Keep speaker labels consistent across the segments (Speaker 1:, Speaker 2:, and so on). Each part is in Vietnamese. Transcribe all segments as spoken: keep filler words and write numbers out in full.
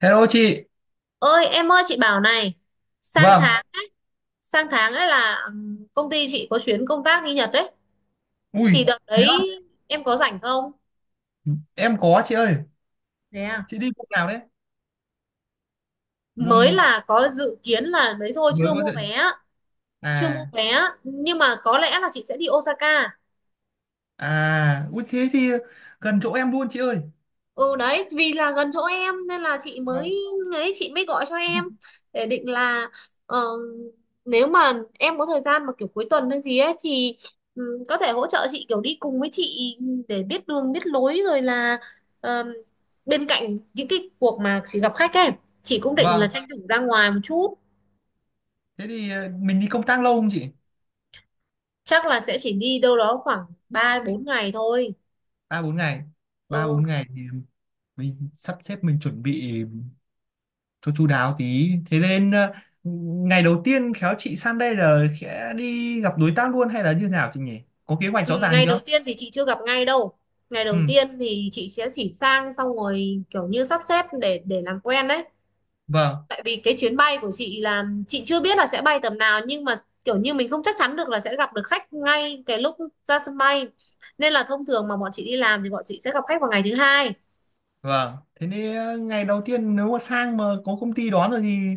Speaker 1: Hello chị.
Speaker 2: ơi em ơi chị bảo này. sang
Speaker 1: Vâng.
Speaker 2: tháng sang tháng ấy là ừm, công ty chị có chuyến công tác đi Nhật đấy. Thì
Speaker 1: Ui,
Speaker 2: đợt
Speaker 1: thế á?
Speaker 2: đấy em có rảnh không?
Speaker 1: Em có chị ơi.
Speaker 2: Thế à?
Speaker 1: Chị đi vùng nào đấy?
Speaker 2: Mới
Speaker 1: Vùng
Speaker 2: là có dự kiến là đấy thôi,
Speaker 1: mới
Speaker 2: chưa
Speaker 1: có
Speaker 2: mua
Speaker 1: thể.
Speaker 2: vé. Chưa mua
Speaker 1: À,
Speaker 2: vé nhưng mà có lẽ là chị sẽ đi Osaka.
Speaker 1: à, ui thế thì gần chỗ em luôn chị ơi.
Speaker 2: Ừ đấy, vì là gần chỗ em nên là chị
Speaker 1: Vâng.
Speaker 2: mới ấy chị mới gọi cho em. Để định là ờ, nếu mà em có thời gian mà kiểu cuối tuần hay gì ấy thì ừ, có thể hỗ trợ chị, kiểu đi cùng với chị để biết đường biết lối. Rồi là ờ, bên cạnh những cái cuộc mà chị gặp khách ấy, chị cũng định là
Speaker 1: Vâng.
Speaker 2: tranh thủ ra ngoài một chút.
Speaker 1: Thế thì ờ, mình đi công tác lâu không chị?
Speaker 2: Chắc là sẽ chỉ đi đâu đó khoảng ba bốn ngày thôi.
Speaker 1: Ba bốn ngày. Ba
Speaker 2: Ừ.
Speaker 1: bốn ngày thì mình sắp xếp, mình chuẩn bị cho chu đáo tí. Thế nên ờ, ngày đầu tiên khéo chị sang đây là sẽ đi gặp đối tác luôn hay là như nào chị nhỉ? Có kế hoạch rõ
Speaker 2: Ừ,
Speaker 1: ràng
Speaker 2: ngày đầu
Speaker 1: chưa?
Speaker 2: tiên thì chị chưa gặp ngay đâu. Ngày
Speaker 1: Ừ,
Speaker 2: đầu tiên thì chị sẽ chỉ sang xong rồi kiểu như sắp xếp để để làm quen đấy.
Speaker 1: vâng.
Speaker 2: Tại vì cái chuyến bay của chị là chị chưa biết là sẽ bay tầm nào, nhưng mà kiểu như mình không chắc chắn được là sẽ gặp được khách ngay cái lúc ra sân bay. Nên là thông thường mà bọn chị đi làm thì bọn chị sẽ gặp khách vào ngày thứ hai.
Speaker 1: Vâng, thế nên ờ, ngày đầu tiên nếu mà sang mà có công ty đón rồi thì,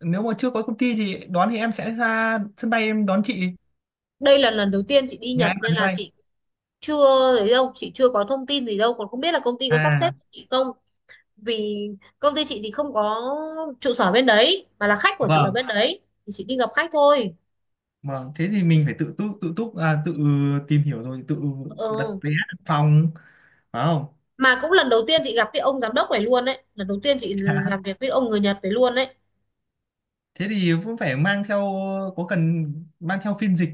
Speaker 1: nếu mà chưa có công ty thì đón thì em sẽ ra sân bay em đón chị,
Speaker 2: Đây là lần đầu tiên chị đi
Speaker 1: nhà
Speaker 2: Nhật
Speaker 1: em
Speaker 2: nên
Speaker 1: ở sân
Speaker 2: là
Speaker 1: bay.
Speaker 2: chị chưa đấy đâu, chị chưa có thông tin gì đâu, còn không biết là công ty có sắp xếp
Speaker 1: À,
Speaker 2: cho chị không. Vì công ty chị thì không có trụ sở bên đấy, mà là khách của chị ở
Speaker 1: vâng,
Speaker 2: bên đấy, thì chị đi gặp khách thôi.
Speaker 1: vâng, thế thì mình phải tự túc tự túc à, tự tìm hiểu rồi tự đặt
Speaker 2: Ừ.
Speaker 1: vé đặt phòng phải không?
Speaker 2: Mà cũng lần đầu tiên chị gặp cái ông giám đốc này luôn đấy, lần đầu tiên chị làm việc với ông người Nhật này luôn đấy.
Speaker 1: Thế thì cũng phải mang theo, có cần mang theo phiên dịch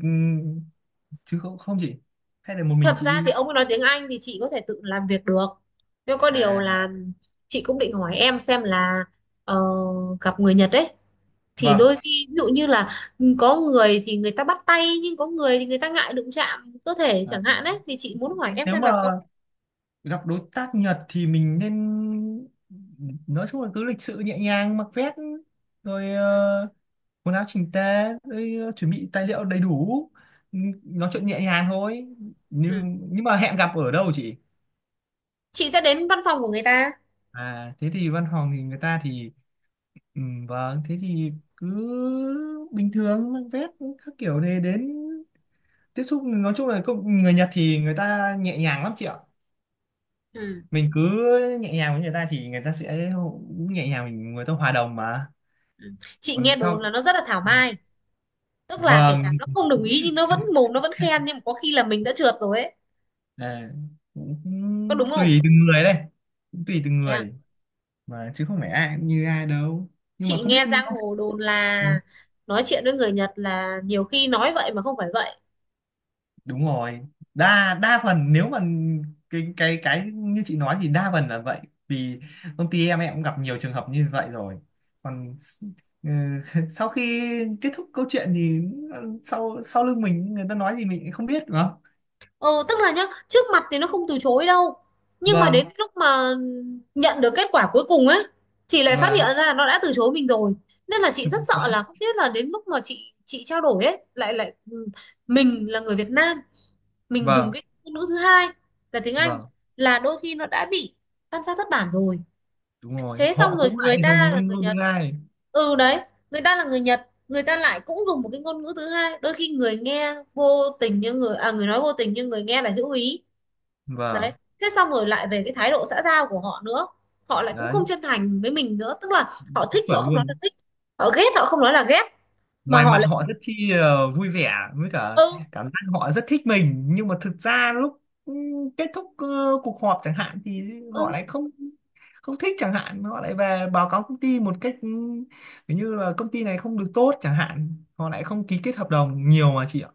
Speaker 1: chứ không không chị? Hay là một mình
Speaker 2: Thật
Speaker 1: chị
Speaker 2: ra thì
Speaker 1: đi?
Speaker 2: ông ấy nói tiếng Anh thì chị có thể tự làm việc được, nhưng có điều
Speaker 1: À,
Speaker 2: là chị cũng định hỏi em xem là ờ, gặp người Nhật ấy thì
Speaker 1: vâng.
Speaker 2: đôi khi ví dụ như là có người thì người ta bắt tay, nhưng có người thì người ta ngại đụng chạm cơ thể
Speaker 1: À.
Speaker 2: chẳng hạn đấy, thì chị muốn hỏi em
Speaker 1: Nếu
Speaker 2: xem
Speaker 1: mà
Speaker 2: là có.
Speaker 1: gặp đối tác Nhật thì mình nên nói chung là cứ lịch sự nhẹ nhàng, mặc vest rồi ờ, quần áo chỉnh tề rồi, ờ, chuẩn bị tài liệu đầy đủ. Ừ, nói chuyện nhẹ nhàng thôi.
Speaker 2: Ừ.
Speaker 1: Nhưng nhưng mà hẹn gặp ở đâu chị?
Speaker 2: Chị sẽ đến văn phòng của người ta.
Speaker 1: À thế thì văn phòng thì người ta thì, ừ, vâng thế thì cứ bình thường mặc vest các kiểu này đến tiếp xúc. Nói chung là công- người Nhật thì người ta nhẹ nhàng lắm chị ạ.
Speaker 2: Ừ.
Speaker 1: Mình cứ nhẹ nhàng với người ta thì người ta sẽ nhẹ nhàng, mình người ta hòa đồng mà.
Speaker 2: Ừ. Chị
Speaker 1: Còn
Speaker 2: nghe đồn
Speaker 1: cho
Speaker 2: là nó rất là thảo mai, tức là kể cả
Speaker 1: vâng,
Speaker 2: nó không đồng ý nhưng nó vẫn mồm, nó vẫn khen, nhưng mà có khi là mình đã trượt rồi ấy,
Speaker 1: à, cũng
Speaker 2: có đúng không?
Speaker 1: tùy từng người đây, cũng tùy từng
Speaker 2: Thế à?
Speaker 1: người mà, chứ không phải ai cũng như ai đâu, nhưng mà
Speaker 2: Chị
Speaker 1: không biết
Speaker 2: nghe giang
Speaker 1: ông...
Speaker 2: hồ đồn là nói chuyện với người Nhật là nhiều khi nói vậy mà không phải vậy.
Speaker 1: Đúng rồi, đa đa phần nếu mà cái cái cái như chị nói thì đa phần là vậy. Vì công ty em em cũng gặp nhiều trường hợp như vậy rồi. Còn ừ, sau khi kết thúc câu chuyện thì ờ, sau sau lưng mình người ta nói gì mình cũng không biết đúng không.
Speaker 2: Ừ, tức là nhá, trước mặt thì nó không từ chối đâu, nhưng mà đến
Speaker 1: Vâng,
Speaker 2: lúc mà nhận được kết quả cuối cùng ấy thì lại phát
Speaker 1: vâng.
Speaker 2: hiện ra là nó đã từ chối mình rồi. Nên là chị rất sợ là không biết là đến lúc mà chị chị trao đổi ấy. Lại lại ừ, Mình là người Việt Nam, mình dùng
Speaker 1: Vâng,
Speaker 2: cái ngôn ngữ thứ hai là tiếng Anh,
Speaker 1: vâng,
Speaker 2: là đôi khi nó đã bị tam sao thất bản rồi.
Speaker 1: đúng rồi,
Speaker 2: Thế xong
Speaker 1: họ
Speaker 2: rồi
Speaker 1: cũng lại
Speaker 2: người
Speaker 1: dùng
Speaker 2: ta là
Speaker 1: ngôn
Speaker 2: người
Speaker 1: ngữ
Speaker 2: Nhật.
Speaker 1: ai.
Speaker 2: Ừ đấy, người ta là người Nhật, người ta lại cũng dùng một cái ngôn ngữ thứ hai, đôi khi người nghe vô tình như người à người nói vô tình nhưng người nghe là hữu ý, đấy.
Speaker 1: Vâng.
Speaker 2: Thế xong rồi lại về cái thái độ xã giao của họ nữa, họ lại cũng
Speaker 1: Đấy,
Speaker 2: không chân thành với mình nữa, tức là họ thích họ
Speaker 1: chuẩn
Speaker 2: không nói là
Speaker 1: luôn,
Speaker 2: thích, họ ghét họ không nói là ghét, mà
Speaker 1: ngoài
Speaker 2: họ
Speaker 1: mặt
Speaker 2: lại.
Speaker 1: họ rất chi ờ, vui vẻ với cả
Speaker 2: Ừ.
Speaker 1: cảm giác họ rất thích mình, nhưng mà thực ra lúc ừ, kết thúc ờ, cuộc họp chẳng hạn thì
Speaker 2: Ừ.
Speaker 1: họ lại không, không thích chẳng hạn, họ lại về báo cáo công ty một cách ừ, kiểu như là công ty này không được tốt chẳng hạn, họ lại không ký kết hợp đồng nhiều mà chị ạ.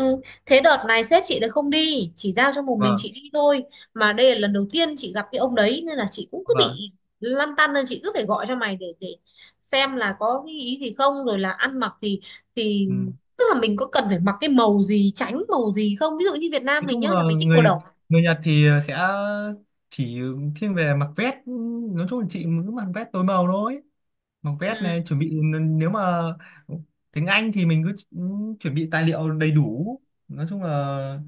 Speaker 2: Ừ. Thế đợt này sếp chị lại không đi, chỉ giao cho một mình
Speaker 1: Vâng,
Speaker 2: chị đi thôi. Mà đây là lần đầu tiên chị gặp cái ông đấy nên là chị cũng cứ
Speaker 1: vâng.
Speaker 2: bị lăn tăn, nên chị cứ phải gọi cho mày để để xem là có cái ý gì không, rồi là ăn mặc thì thì
Speaker 1: Ừ,
Speaker 2: tức là mình có cần phải mặc cái màu gì, tránh màu gì không, ví dụ như Việt Nam
Speaker 1: nói
Speaker 2: mình
Speaker 1: chung
Speaker 2: nhá
Speaker 1: là
Speaker 2: là mình thích màu
Speaker 1: người
Speaker 2: đỏ.
Speaker 1: người Nhật thì sẽ chỉ thiên về mặc vest. Ừ, nói chung là chị cứ mặc vest tối màu thôi, mặc vest
Speaker 2: Ừ.
Speaker 1: này chuẩn bị. Nếu mà tiếng Anh thì mình cứ chuẩn bị tài liệu đầy đủ. Nói chung là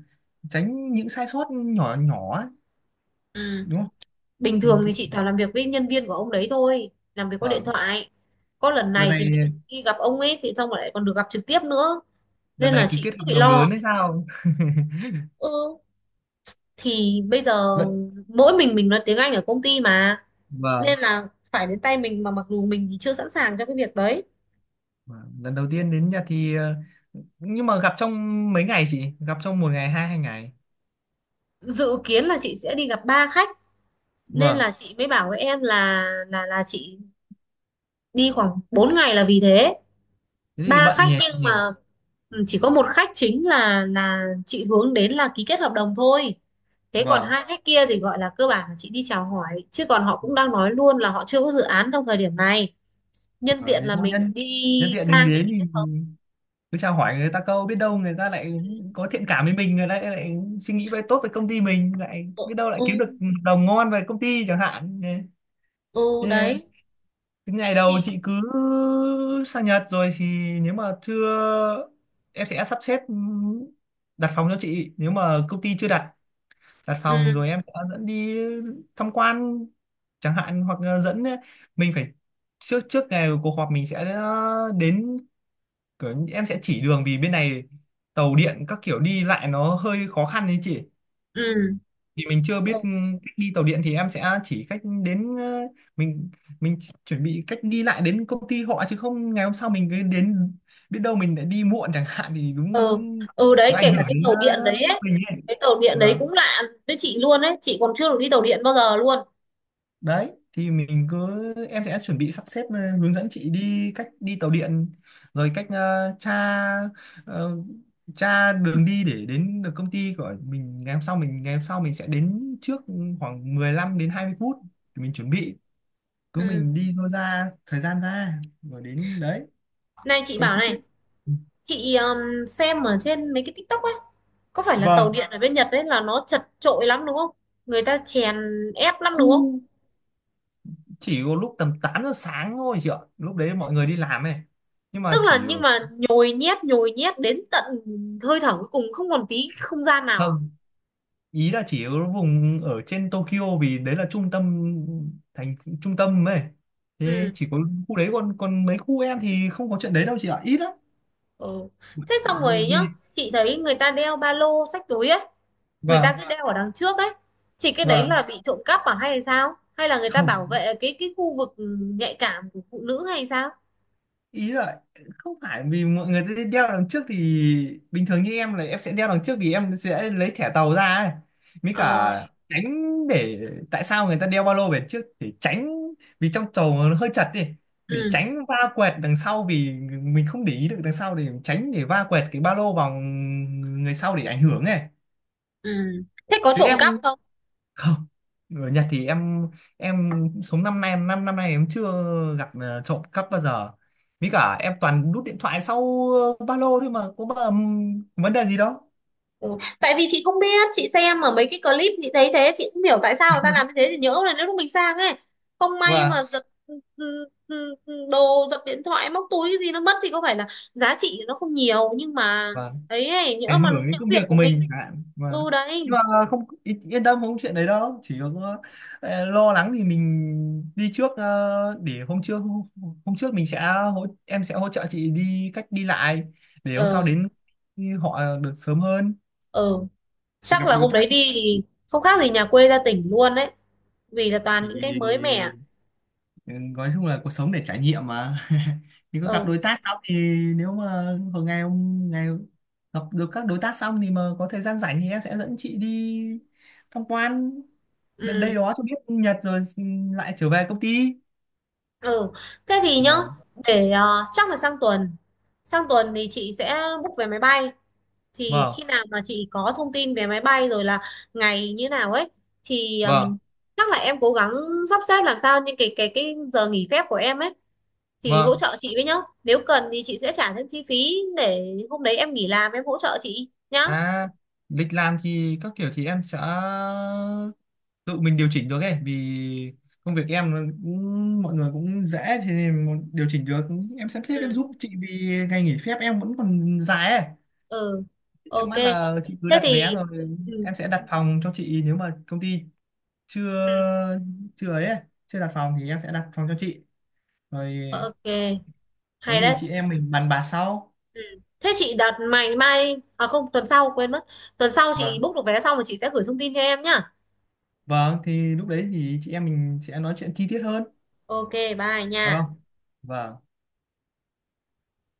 Speaker 1: tránh những sai sót nhỏ nhỏ ấy,
Speaker 2: Ừ.
Speaker 1: đúng không?
Speaker 2: Bình
Speaker 1: Mình
Speaker 2: thường thì
Speaker 1: cứ,
Speaker 2: chị toàn làm việc với nhân viên của ông đấy thôi, làm việc qua điện
Speaker 1: vâng.
Speaker 2: thoại. Có lần
Speaker 1: Đợt
Speaker 2: này thì mới được
Speaker 1: này,
Speaker 2: đi gặp ông ấy, thì xong rồi lại còn được gặp trực tiếp nữa,
Speaker 1: đợt
Speaker 2: nên là
Speaker 1: này ký
Speaker 2: chị
Speaker 1: kết
Speaker 2: cứ
Speaker 1: hợp
Speaker 2: bị
Speaker 1: đồng lớn
Speaker 2: lo.
Speaker 1: hay sao?
Speaker 2: Ừ, thì bây giờ
Speaker 1: Lần-,
Speaker 2: mỗi mình mình nói tiếng Anh ở công ty mà,
Speaker 1: vâng.
Speaker 2: nên là phải đến tay mình, mà mặc dù mình thì chưa sẵn sàng cho cái việc đấy.
Speaker 1: Vâng. Lần đầu tiên đến Nhật thì ờ, nhưng mà gặp trong mấy ngày, chị gặp trong một ngày, hai hai ngày?
Speaker 2: Dự kiến là chị sẽ đi gặp ba khách, nên
Speaker 1: Vâng,
Speaker 2: là chị mới bảo với em là là là chị đi khoảng bốn ngày là vì thế.
Speaker 1: thế thì
Speaker 2: Ba
Speaker 1: bận
Speaker 2: khách,
Speaker 1: nhỉ,
Speaker 2: nhưng
Speaker 1: nhỉ.
Speaker 2: mà ừ, chỉ có một khách chính là là chị hướng đến là ký kết hợp đồng thôi. Thế còn
Speaker 1: Vâng,
Speaker 2: hai khách kia thì gọi là cơ bản là chị đi chào hỏi, chứ còn họ cũng đang nói luôn là họ chưa có dự án trong thời điểm này. Nhân
Speaker 1: Vâng,
Speaker 2: tiện
Speaker 1: thế
Speaker 2: là
Speaker 1: thôi
Speaker 2: mình
Speaker 1: nhân nhân
Speaker 2: đi
Speaker 1: tiện đừng
Speaker 2: sang thì
Speaker 1: đến
Speaker 2: mình kết
Speaker 1: thì
Speaker 2: hợp.
Speaker 1: cứ chào hỏi người ta câu, biết đâu người ta lại có thiện cảm với mình, người ta lại suy nghĩ về tốt về công ty mình, lại
Speaker 2: Ừ,
Speaker 1: biết đâu lại
Speaker 2: ừ.
Speaker 1: kiếm được hợp đồng ngon về công ty chẳng hạn.
Speaker 2: Ừ
Speaker 1: Thế
Speaker 2: đấy
Speaker 1: cái ngày đầu
Speaker 2: thì.
Speaker 1: chị cứ sang Nhật rồi thì nếu mà chưa, em sẽ sắp xếp đặt phòng cho chị nếu mà công ty chưa đặt, đặt phòng
Speaker 2: Ừ.
Speaker 1: rồi em sẽ dẫn đi tham quan chẳng hạn, hoặc là dẫn mình phải trước trước ngày cuộc họp mình sẽ đến, kiểu em sẽ chỉ đường vì bên này tàu điện các kiểu đi lại nó hơi khó khăn đấy chị.
Speaker 2: Ừ.
Speaker 1: Vì mình chưa
Speaker 2: Ừ.
Speaker 1: biết ừ, cách đi tàu điện thì em sẽ chỉ cách đến ờ, mình mình chỉ- chuẩn bị cách đi lại đến công ty họ, chứ không ngày hôm sau mình cứ đến biết đâu mình lại đi muộn chẳng hạn thì đúng,
Speaker 2: ừ, ừ
Speaker 1: nó
Speaker 2: đấy,
Speaker 1: ảnh
Speaker 2: kể cả
Speaker 1: hưởng
Speaker 2: cái
Speaker 1: đến
Speaker 2: tàu
Speaker 1: ờ,
Speaker 2: điện đấy ấy.
Speaker 1: mình ấy.
Speaker 2: Cái tàu điện đấy
Speaker 1: Vâng.
Speaker 2: cũng lạ với chị luôn đấy, chị còn chưa được đi tàu điện bao giờ luôn.
Speaker 1: Đấy thì mình cứ, em sẽ chuẩn bị sắp xếp ờ, hướng dẫn chị đi cách đi tàu điện, rồi cách ờ, tra ờ, tra đường đi để đến được công ty của mình. Ngày hôm sau mình ngày hôm sau mình sẽ đến trước khoảng mười lăm đến hai mươi phút, thì mình chuẩn bị, cứ
Speaker 2: Ừ.
Speaker 1: mình đi thôi, ra thời gian ra rồi đến đấy.
Speaker 2: Này chị
Speaker 1: Còn
Speaker 2: bảo
Speaker 1: khi biết,
Speaker 2: này, chị um, xem ở trên mấy cái TikTok ấy, có phải là tàu
Speaker 1: vâng,
Speaker 2: điện ở bên Nhật đấy là nó chật chội lắm đúng không? Người ta chèn ép lắm đúng không?
Speaker 1: khu chỉ có lúc tầm tám giờ sáng thôi chị ạ, lúc đấy mọi người đi làm ấy, nhưng
Speaker 2: Tức
Speaker 1: mà
Speaker 2: là
Speaker 1: chỉ ở,
Speaker 2: nhưng mà nhồi nhét nhồi nhét đến tận hơi thở cuối cùng không còn tí không gian nào à?
Speaker 1: vâng. Ý là chỉ ở vùng ở trên Tokyo vì đấy là trung tâm thành trung tâm ấy. Thế
Speaker 2: Ừ.
Speaker 1: chỉ có khu đấy, còn còn mấy khu em thì không có chuyện đấy đâu chị ạ, ít lắm.
Speaker 2: Ừ. Thế xong rồi nhá,
Speaker 1: Vì
Speaker 2: chị thấy người ta đeo ba lô xách túi ấy, người ta
Speaker 1: và
Speaker 2: cứ đeo ở đằng trước đấy, thì cái đấy
Speaker 1: và
Speaker 2: là bị trộm cắp à, hay là sao, hay là người ta bảo
Speaker 1: không,
Speaker 2: vệ cái cái khu vực nhạy cảm của phụ nữ hay sao?
Speaker 1: ý là không phải, vì mọi người sẽ đeo đằng trước thì bình thường, như em là em sẽ đeo đằng trước vì em sẽ lấy thẻ tàu ra ấy. Mới cả
Speaker 2: Ờ.
Speaker 1: tránh, để tại sao người ta đeo ba lô về trước, để tránh vì trong tàu nó hơi chật đi, để
Speaker 2: Ừ.
Speaker 1: tránh va quẹt đằng sau, vì mình không để ý được đằng sau, để tránh để va quẹt cái ba lô vào người sau để ảnh hưởng này.
Speaker 2: Ừ. Thế có
Speaker 1: Chứ
Speaker 2: trộm cắp
Speaker 1: em
Speaker 2: không?
Speaker 1: không, người Nhật thì em em sống năm nay, năm năm năm nay em chưa gặp ờ, trộm cắp bao giờ. Với cả em toàn đút điện thoại sau ờ, ba lô thôi mà có bao, vấn đề gì đâu.
Speaker 2: Ừ. Tại vì chị không biết, chị xem ở mấy cái clip chị thấy thế, chị không hiểu tại sao người ta làm như thế, thì nhỡ là nếu lúc mình sang ấy không may
Speaker 1: Và
Speaker 2: mà giật ừ, ừ, ừ, ừ, đồ, giật điện thoại, móc túi cái gì nó mất, thì có phải là giá trị nó không nhiều nhưng mà
Speaker 1: và
Speaker 2: ấy ấy, nhỡ
Speaker 1: Ảnh
Speaker 2: mà
Speaker 1: hưởng đến
Speaker 2: nhỡ
Speaker 1: công việc
Speaker 2: việc
Speaker 1: của
Speaker 2: của
Speaker 1: mình
Speaker 2: mình.
Speaker 1: à, và
Speaker 2: Ừ đấy.
Speaker 1: nhưng mà không ý- yên tâm không có chuyện đấy đâu. Chỉ có ờ, lo lắng thì mình đi trước ờ, để hôm trước hôm trước mình sẽ hỗ, em sẽ hỗ trợ chị đi cách đi lại, để hôm sau
Speaker 2: ờ
Speaker 1: đến họ được sớm hơn,
Speaker 2: ừ,
Speaker 1: để
Speaker 2: Chắc
Speaker 1: gặp
Speaker 2: là
Speaker 1: đối
Speaker 2: hôm đấy
Speaker 1: tác.
Speaker 2: đi thì không khác gì nhà quê ra tỉnh luôn đấy, vì là
Speaker 1: Thì
Speaker 2: toàn những cái mới mẻ.
Speaker 1: ừ, nói chung là cuộc sống để trải nghiệm mà. Thì có gặp đối
Speaker 2: Ừ.
Speaker 1: tác xong thì nếu mà một ngày ông ngày gặp được các đối tác xong thì mà có thời gian rảnh thì em sẽ dẫn chị đi tham quan đ- đây
Speaker 2: Ừ.
Speaker 1: đó cho biết Nhật rồi ừ, lại trở về công ty.
Speaker 2: Ừ. Thế thì nhá,
Speaker 1: Vâng,
Speaker 2: để ờ, chắc là sang tuần sang tuần thì chị sẽ book vé máy bay. Thì
Speaker 1: vâng.
Speaker 2: khi nào mà chị có thông tin về máy bay rồi là ngày như nào ấy thì ừm,
Speaker 1: Vâng,
Speaker 2: chắc là em cố gắng sắp xếp làm sao những cái cái cái giờ nghỉ phép của em ấy thì hỗ
Speaker 1: vâng.
Speaker 2: trợ chị với nhá. Nếu cần thì chị sẽ trả thêm chi phí để hôm đấy em nghỉ làm, em hỗ trợ chị nhá.
Speaker 1: À, lịch làm thì các kiểu thì em sẽ tự mình điều chỉnh được ấy, vì công việc em nó cũng, mọi người cũng dễ, thế nên một- điều chỉnh được. Em sắp xếp em
Speaker 2: Ừ.
Speaker 1: giúp chị vì ngày nghỉ phép em vẫn còn dài ấy.
Speaker 2: Ừ.
Speaker 1: Trước
Speaker 2: OK.
Speaker 1: mắt là chị cứ
Speaker 2: Thế
Speaker 1: đặt
Speaker 2: thì
Speaker 1: vé rồi
Speaker 2: ừ,
Speaker 1: em sẽ đặt phòng cho chị nếu mà công ty chưa,
Speaker 2: ừ,
Speaker 1: chưa ấy ấy, chưa đặt phòng thì em sẽ đặt phòng cho chị rồi.
Speaker 2: OK.
Speaker 1: Có
Speaker 2: Hay
Speaker 1: gì
Speaker 2: đấy.
Speaker 1: chị em mình bàn bạc sau.
Speaker 2: Ừ. Thế chị đặt mày mai à, không, tuần sau quên mất. Tuần sau chị
Speaker 1: Vâng.
Speaker 2: book được vé xong rồi chị sẽ gửi thông tin cho em nhá.
Speaker 1: Vâng, thì lúc đấy thì chị em mình sẽ nói chuyện chi tiết hơn,
Speaker 2: OK, bye nha.
Speaker 1: được không? Vâng.